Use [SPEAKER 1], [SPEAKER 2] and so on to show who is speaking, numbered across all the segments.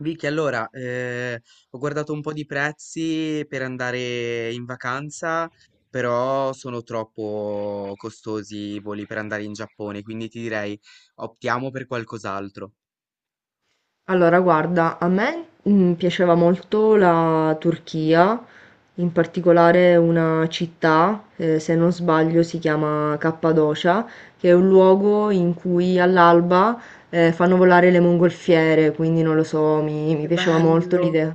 [SPEAKER 1] Vicky, allora, ho guardato un po' di prezzi per andare in vacanza, però sono troppo costosi i voli per andare in Giappone, quindi ti direi optiamo per qualcos'altro.
[SPEAKER 2] Allora, guarda, a me piaceva molto la Turchia, in particolare una città, se non sbaglio si chiama Cappadocia, che è un luogo in cui all'alba fanno volare le mongolfiere, quindi non lo so, mi
[SPEAKER 1] Che
[SPEAKER 2] piaceva molto
[SPEAKER 1] bello,
[SPEAKER 2] l'idea.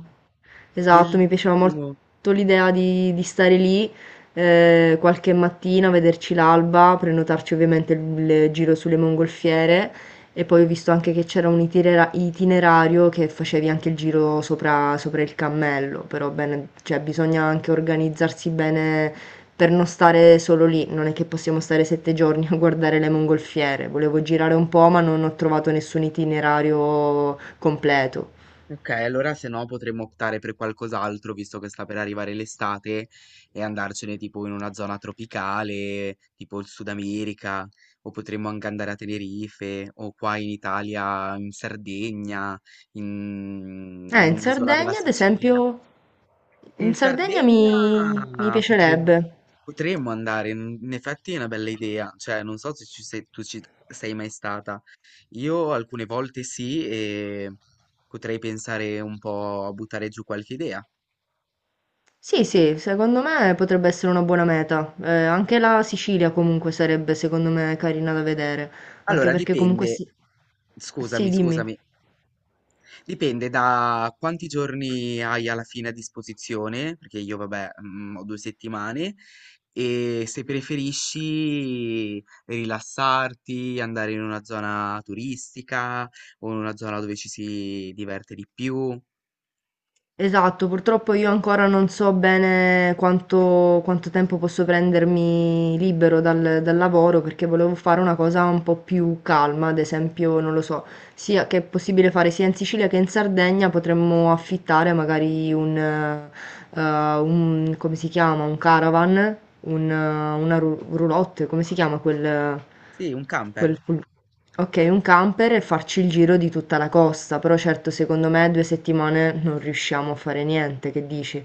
[SPEAKER 2] Esatto, mi piaceva
[SPEAKER 1] bellissimo.
[SPEAKER 2] molto l'idea di stare lì, qualche mattina, vederci l'alba, prenotarci ovviamente il giro sulle mongolfiere e poi ho visto anche che c'era un itinerario che facevi anche il giro sopra il cammello, però bene, cioè bisogna anche organizzarsi bene per non stare solo lì, non è che possiamo stare 7 giorni a guardare le mongolfiere. Volevo girare un po', ma non ho trovato nessun itinerario completo.
[SPEAKER 1] Ok, allora se no potremmo optare per qualcos'altro, visto che sta per arrivare l'estate, e andarcene tipo in una zona tropicale, tipo il Sud America, o potremmo anche andare a Tenerife, o qua in Italia, in Sardegna, in, in
[SPEAKER 2] In
[SPEAKER 1] un'isola della
[SPEAKER 2] Sardegna, ad
[SPEAKER 1] Sicilia.
[SPEAKER 2] esempio,
[SPEAKER 1] In
[SPEAKER 2] in Sardegna
[SPEAKER 1] Sardegna
[SPEAKER 2] mi
[SPEAKER 1] potremmo,
[SPEAKER 2] piacerebbe.
[SPEAKER 1] potremmo andare, in effetti è una bella idea, cioè non so se tu ci sei mai stata. Io alcune volte sì, e potrei pensare un po' a buttare giù qualche idea.
[SPEAKER 2] Sì, sì, secondo me potrebbe essere una buona meta. Anche la Sicilia comunque sarebbe, secondo me, carina da vedere. Anche
[SPEAKER 1] Allora,
[SPEAKER 2] perché comunque
[SPEAKER 1] dipende,
[SPEAKER 2] sì. Sì,
[SPEAKER 1] scusami,
[SPEAKER 2] dimmi.
[SPEAKER 1] scusami, dipende da quanti giorni hai alla fine a disposizione, perché io, vabbè, ho 2 settimane, e se preferisci rilassarti, andare in una zona turistica o in una zona dove ci si diverte di più.
[SPEAKER 2] Esatto, purtroppo io ancora non so bene quanto tempo posso prendermi libero dal lavoro, perché volevo fare una cosa un po' più calma, ad esempio, non lo so, sì, a che è possibile fare sia in Sicilia che in Sardegna, potremmo affittare magari come si chiama? Un caravan, una roulotte, come si chiama
[SPEAKER 1] Sì, un camper.
[SPEAKER 2] quel- quel- ok, un camper, e farci il giro di tutta la costa, però certo secondo me due settimane non riusciamo a fare niente, che dici?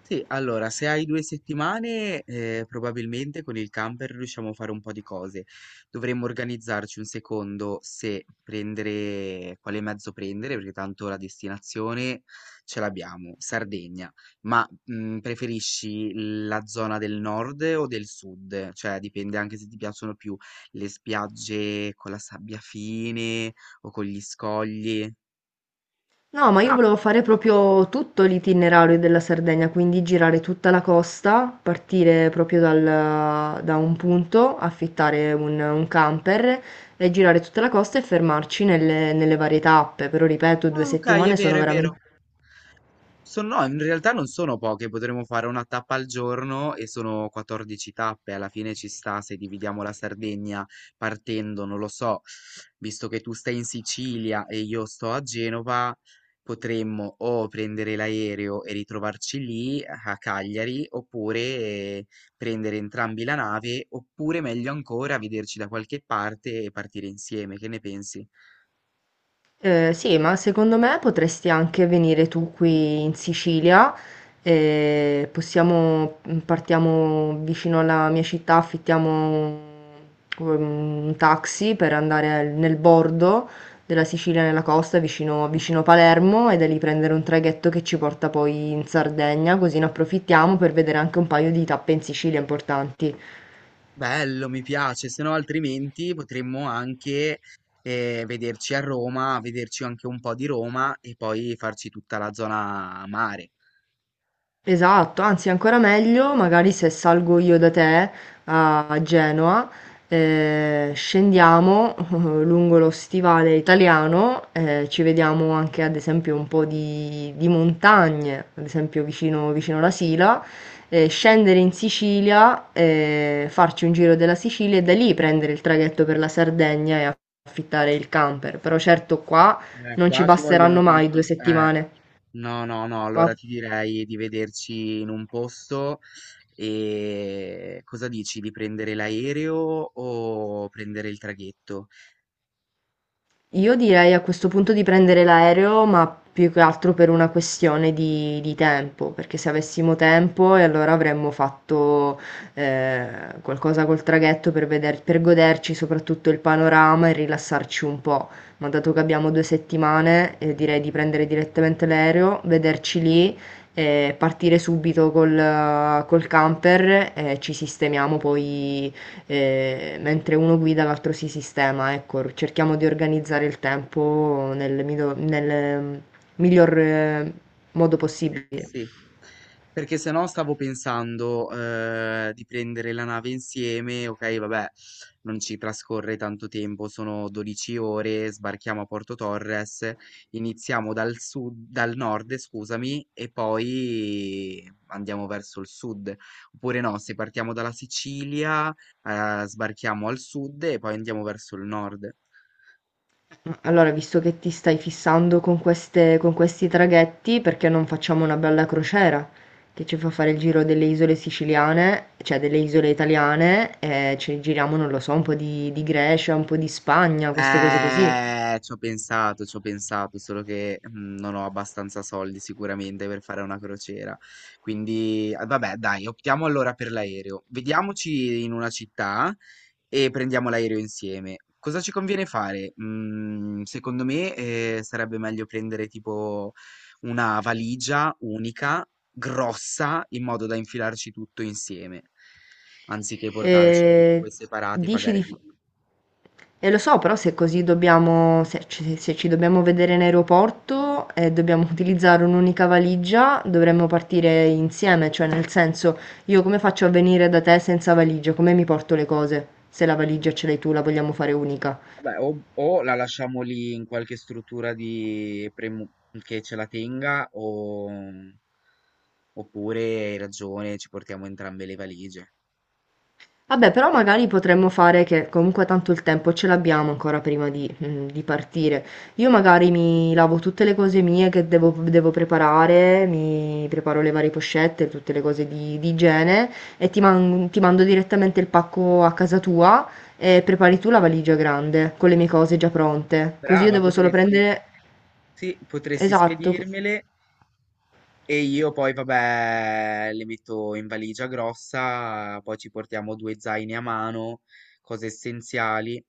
[SPEAKER 1] Sì, allora, se hai 2 settimane, probabilmente con il camper riusciamo a fare un po' di cose. Dovremmo organizzarci un secondo se prendere quale mezzo prendere, perché tanto la destinazione ce l'abbiamo, Sardegna. Ma, mhmm, preferisci la zona del nord o del sud? Cioè, dipende anche se ti piacciono più le spiagge con la sabbia fine o con gli scogli.
[SPEAKER 2] No, ma io volevo fare proprio tutto l'itinerario della Sardegna, quindi girare tutta la costa, partire proprio da un punto, affittare un camper e girare tutta la costa e fermarci nelle varie tappe. Però ripeto, due
[SPEAKER 1] Ah, okay, è
[SPEAKER 2] settimane sono
[SPEAKER 1] vero, è vero.
[SPEAKER 2] veramente...
[SPEAKER 1] Sono no, in realtà non sono poche, potremmo fare una tappa al giorno e sono 14 tappe, alla fine ci sta se dividiamo la Sardegna partendo, non lo so, visto che tu stai in Sicilia e io sto a Genova, potremmo o prendere l'aereo e ritrovarci lì a Cagliari, oppure prendere entrambi la nave, oppure meglio ancora vederci da qualche parte e partire insieme, che ne pensi?
[SPEAKER 2] Sì, ma secondo me potresti anche venire tu qui in Sicilia, possiamo partiamo vicino alla mia città, affittiamo un taxi per andare nel bordo della Sicilia, nella costa, vicino Palermo, e da lì prendere un traghetto che ci porta poi in Sardegna, così ne approfittiamo per vedere anche un paio di tappe in Sicilia importanti.
[SPEAKER 1] Bello, mi piace, se no altrimenti potremmo anche vederci a Roma, vederci anche un po' di Roma e poi farci tutta la zona mare.
[SPEAKER 2] Esatto, anzi ancora meglio, magari se salgo io da te a Genova, scendiamo lungo lo stivale italiano, ci vediamo anche ad esempio un po' di montagne, ad esempio vicino alla Sila, scendere in Sicilia, farci un giro della Sicilia e da lì prendere il traghetto per la Sardegna e affittare il camper. Però certo qua non ci
[SPEAKER 1] Qua ci vogliono
[SPEAKER 2] basteranno mai
[SPEAKER 1] tanti...
[SPEAKER 2] due
[SPEAKER 1] eh,
[SPEAKER 2] settimane.
[SPEAKER 1] No, no, no,
[SPEAKER 2] Qua
[SPEAKER 1] allora ti direi di vederci in un posto e cosa dici, di prendere l'aereo o prendere il traghetto?
[SPEAKER 2] io direi a questo punto di prendere l'aereo, ma più che altro per una questione di tempo, perché se avessimo tempo e allora avremmo fatto eh, qualcosa col traghetto per per goderci soprattutto il panorama e rilassarci un po'. Ma dato che abbiamo due settimane, direi di prendere direttamente l'aereo, vederci lì e partire subito col camper e ci sistemiamo poi, e mentre uno guida l'altro si sistema, ecco, cerchiamo di organizzare il tempo nel miglior modo possibile.
[SPEAKER 1] Sì, perché se no stavo pensando, di prendere la nave insieme, okay, vabbè, non ci trascorre tanto tempo, sono 12 ore, sbarchiamo a Porto Torres, iniziamo dal nord, scusami, e poi andiamo verso il sud. Oppure no, se partiamo dalla Sicilia, sbarchiamo al sud e poi andiamo verso il nord.
[SPEAKER 2] Allora, visto che ti stai fissando con con questi traghetti, perché non facciamo una bella crociera che ci fa fare il giro delle isole siciliane, cioè delle isole italiane, e ci giriamo, non lo so, un po' di Grecia, un po' di Spagna, queste cose così.
[SPEAKER 1] Ci ho pensato, solo che non ho abbastanza soldi sicuramente per fare una crociera. Quindi, ah, vabbè, dai, optiamo allora per l'aereo. Vediamoci in una città e prendiamo l'aereo insieme. Cosa ci conviene fare? Mm, secondo me, sarebbe meglio prendere tipo una valigia unica, grossa, in modo da infilarci tutto insieme, anziché
[SPEAKER 2] E
[SPEAKER 1] portarci 2 separati e
[SPEAKER 2] dici
[SPEAKER 1] pagare
[SPEAKER 2] di...
[SPEAKER 1] di più.
[SPEAKER 2] Eh, lo so, però se così dobbiamo, se ci dobbiamo vedere in aeroporto e dobbiamo utilizzare un'unica valigia, dovremmo partire insieme, cioè nel senso, io come faccio a venire da te senza valigia? Come mi porto le cose? Se la
[SPEAKER 1] Eh.
[SPEAKER 2] valigia ce l'hai tu, la vogliamo fare unica.
[SPEAKER 1] Vabbè, o la lasciamo lì in qualche struttura di che ce la tenga, oppure hai ragione, ci portiamo entrambe le valigie.
[SPEAKER 2] Vabbè, però magari potremmo fare che comunque tanto il tempo ce l'abbiamo ancora prima di, di partire. Io magari mi lavo tutte le cose mie che devo preparare, mi preparo le varie pochette, tutte le cose di igiene, e ti mando direttamente il pacco a casa tua, e prepari tu la valigia grande con le mie cose già pronte. Così io
[SPEAKER 1] Brava,
[SPEAKER 2] devo solo
[SPEAKER 1] potresti,
[SPEAKER 2] prendere,
[SPEAKER 1] sì, potresti
[SPEAKER 2] esatto, co,
[SPEAKER 1] spedirmele. E io poi, vabbè, le metto in valigia grossa, poi ci portiamo 2 zaini a mano, cose essenziali,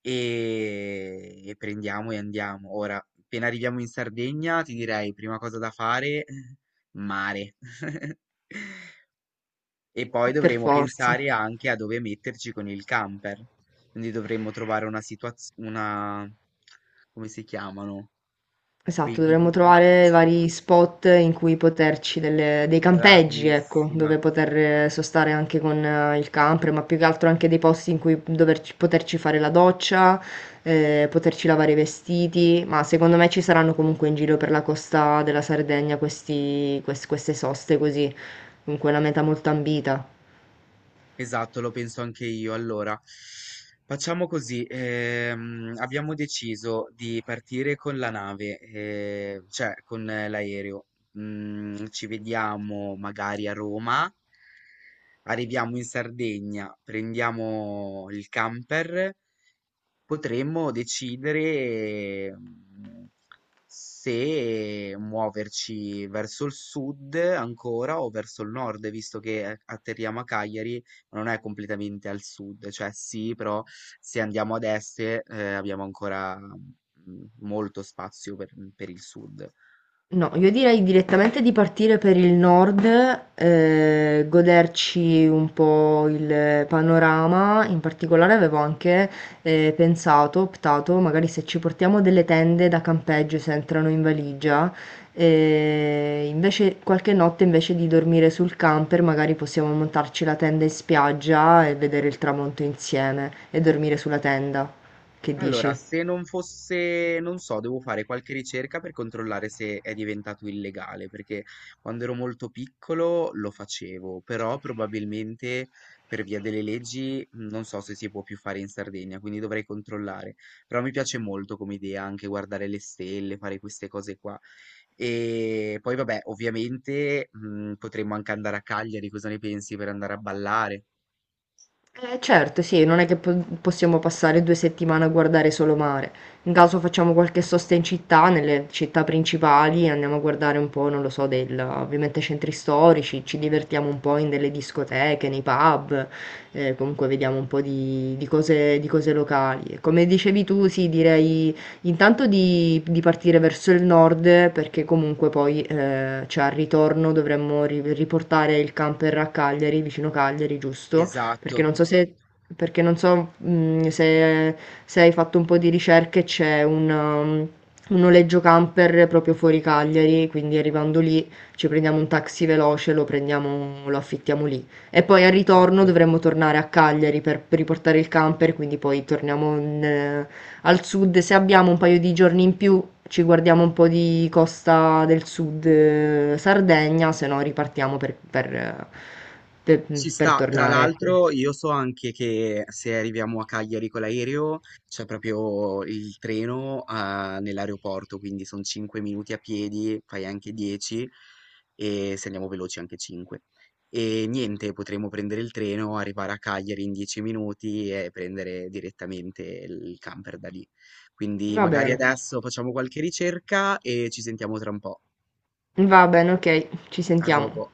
[SPEAKER 1] e prendiamo e andiamo. Ora, appena arriviamo in Sardegna, ti direi, prima cosa da fare, mare. E poi
[SPEAKER 2] per
[SPEAKER 1] dovremo
[SPEAKER 2] forza.
[SPEAKER 1] pensare anche a dove metterci con il camper. Quindi dovremmo trovare una situazione, come si chiamano? Quei
[SPEAKER 2] Esatto, dovremmo trovare
[SPEAKER 1] villaggi,
[SPEAKER 2] vari spot in cui poterci, dei campeggi, ecco,
[SPEAKER 1] bravissima.
[SPEAKER 2] dove poter sostare anche con il camper, ma più che altro anche dei posti in cui poterci fare la doccia, poterci lavare i vestiti, ma secondo me ci saranno comunque in giro per la costa della Sardegna queste soste così, comunque una meta molto ambita.
[SPEAKER 1] Esatto, lo penso anche io. Allora, facciamo così, abbiamo deciso di partire con la nave, cioè con l'aereo. Mm, ci vediamo magari a Roma, arriviamo in Sardegna, prendiamo il camper. Potremmo decidere, mhmm, se muoverci verso il sud ancora o verso il nord, visto che atterriamo a Cagliari, ma non è completamente al sud, cioè sì, però se andiamo ad est, abbiamo ancora, mhmm, molto spazio per il sud.
[SPEAKER 2] No, io direi direttamente di partire per il nord, goderci un po' il panorama. In particolare avevo anche pensato, optato, magari se ci portiamo delle tende da campeggio, se entrano in valigia, invece qualche notte, invece di dormire sul camper, magari possiamo montarci la tenda in spiaggia e vedere il tramonto insieme e dormire sulla tenda. Che
[SPEAKER 1] Allora,
[SPEAKER 2] dici?
[SPEAKER 1] se non fosse, non so, devo fare qualche ricerca per controllare se è diventato illegale, perché quando ero molto piccolo lo facevo, però probabilmente per via delle leggi non so se si può più fare in Sardegna, quindi dovrei controllare. Però mi piace molto come idea anche guardare le stelle, fare queste cose qua. E poi vabbè, ovviamente potremmo anche andare a Cagliari, cosa ne pensi per andare a ballare?
[SPEAKER 2] Certo, sì, non è che possiamo passare due settimane a guardare solo mare. In caso facciamo qualche sosta in città, nelle città principali, andiamo a guardare un po', non lo so, del, ovviamente centri storici, ci divertiamo un po' in delle discoteche, nei pub, comunque vediamo un po' di cose locali. E come dicevi tu, sì, direi intanto di partire verso il nord, perché comunque poi, cioè, al ritorno dovremmo riportare il camper a Cagliari, vicino Cagliari, giusto? Perché
[SPEAKER 1] Esatto,
[SPEAKER 2] non so se, perché non so, se, se hai fatto un po' di ricerche, c'è um, un noleggio camper proprio fuori Cagliari, quindi arrivando lì ci prendiamo un taxi veloce, lo prendiamo, lo affittiamo lì. E poi al
[SPEAKER 1] top.
[SPEAKER 2] ritorno dovremmo tornare a Cagliari per riportare il camper, quindi poi torniamo in, al sud. Se abbiamo un paio di giorni in più, ci guardiamo un po' di costa del sud, Sardegna, se no ripartiamo per
[SPEAKER 1] Ci
[SPEAKER 2] per
[SPEAKER 1] sta, tra
[SPEAKER 2] tornare, ecco.
[SPEAKER 1] l'altro io so anche che se arriviamo a Cagliari con l'aereo c'è proprio il treno ah, nell'aeroporto, quindi sono 5 minuti a piedi, fai anche 10 e se andiamo veloci anche 5. E niente, potremo prendere il treno, arrivare a Cagliari in 10 minuti e prendere direttamente il camper da lì. Quindi
[SPEAKER 2] Va
[SPEAKER 1] magari
[SPEAKER 2] bene,
[SPEAKER 1] adesso facciamo qualche ricerca e ci sentiamo tra un po'.
[SPEAKER 2] va bene, ok, ci
[SPEAKER 1] A
[SPEAKER 2] sentiamo.
[SPEAKER 1] dopo.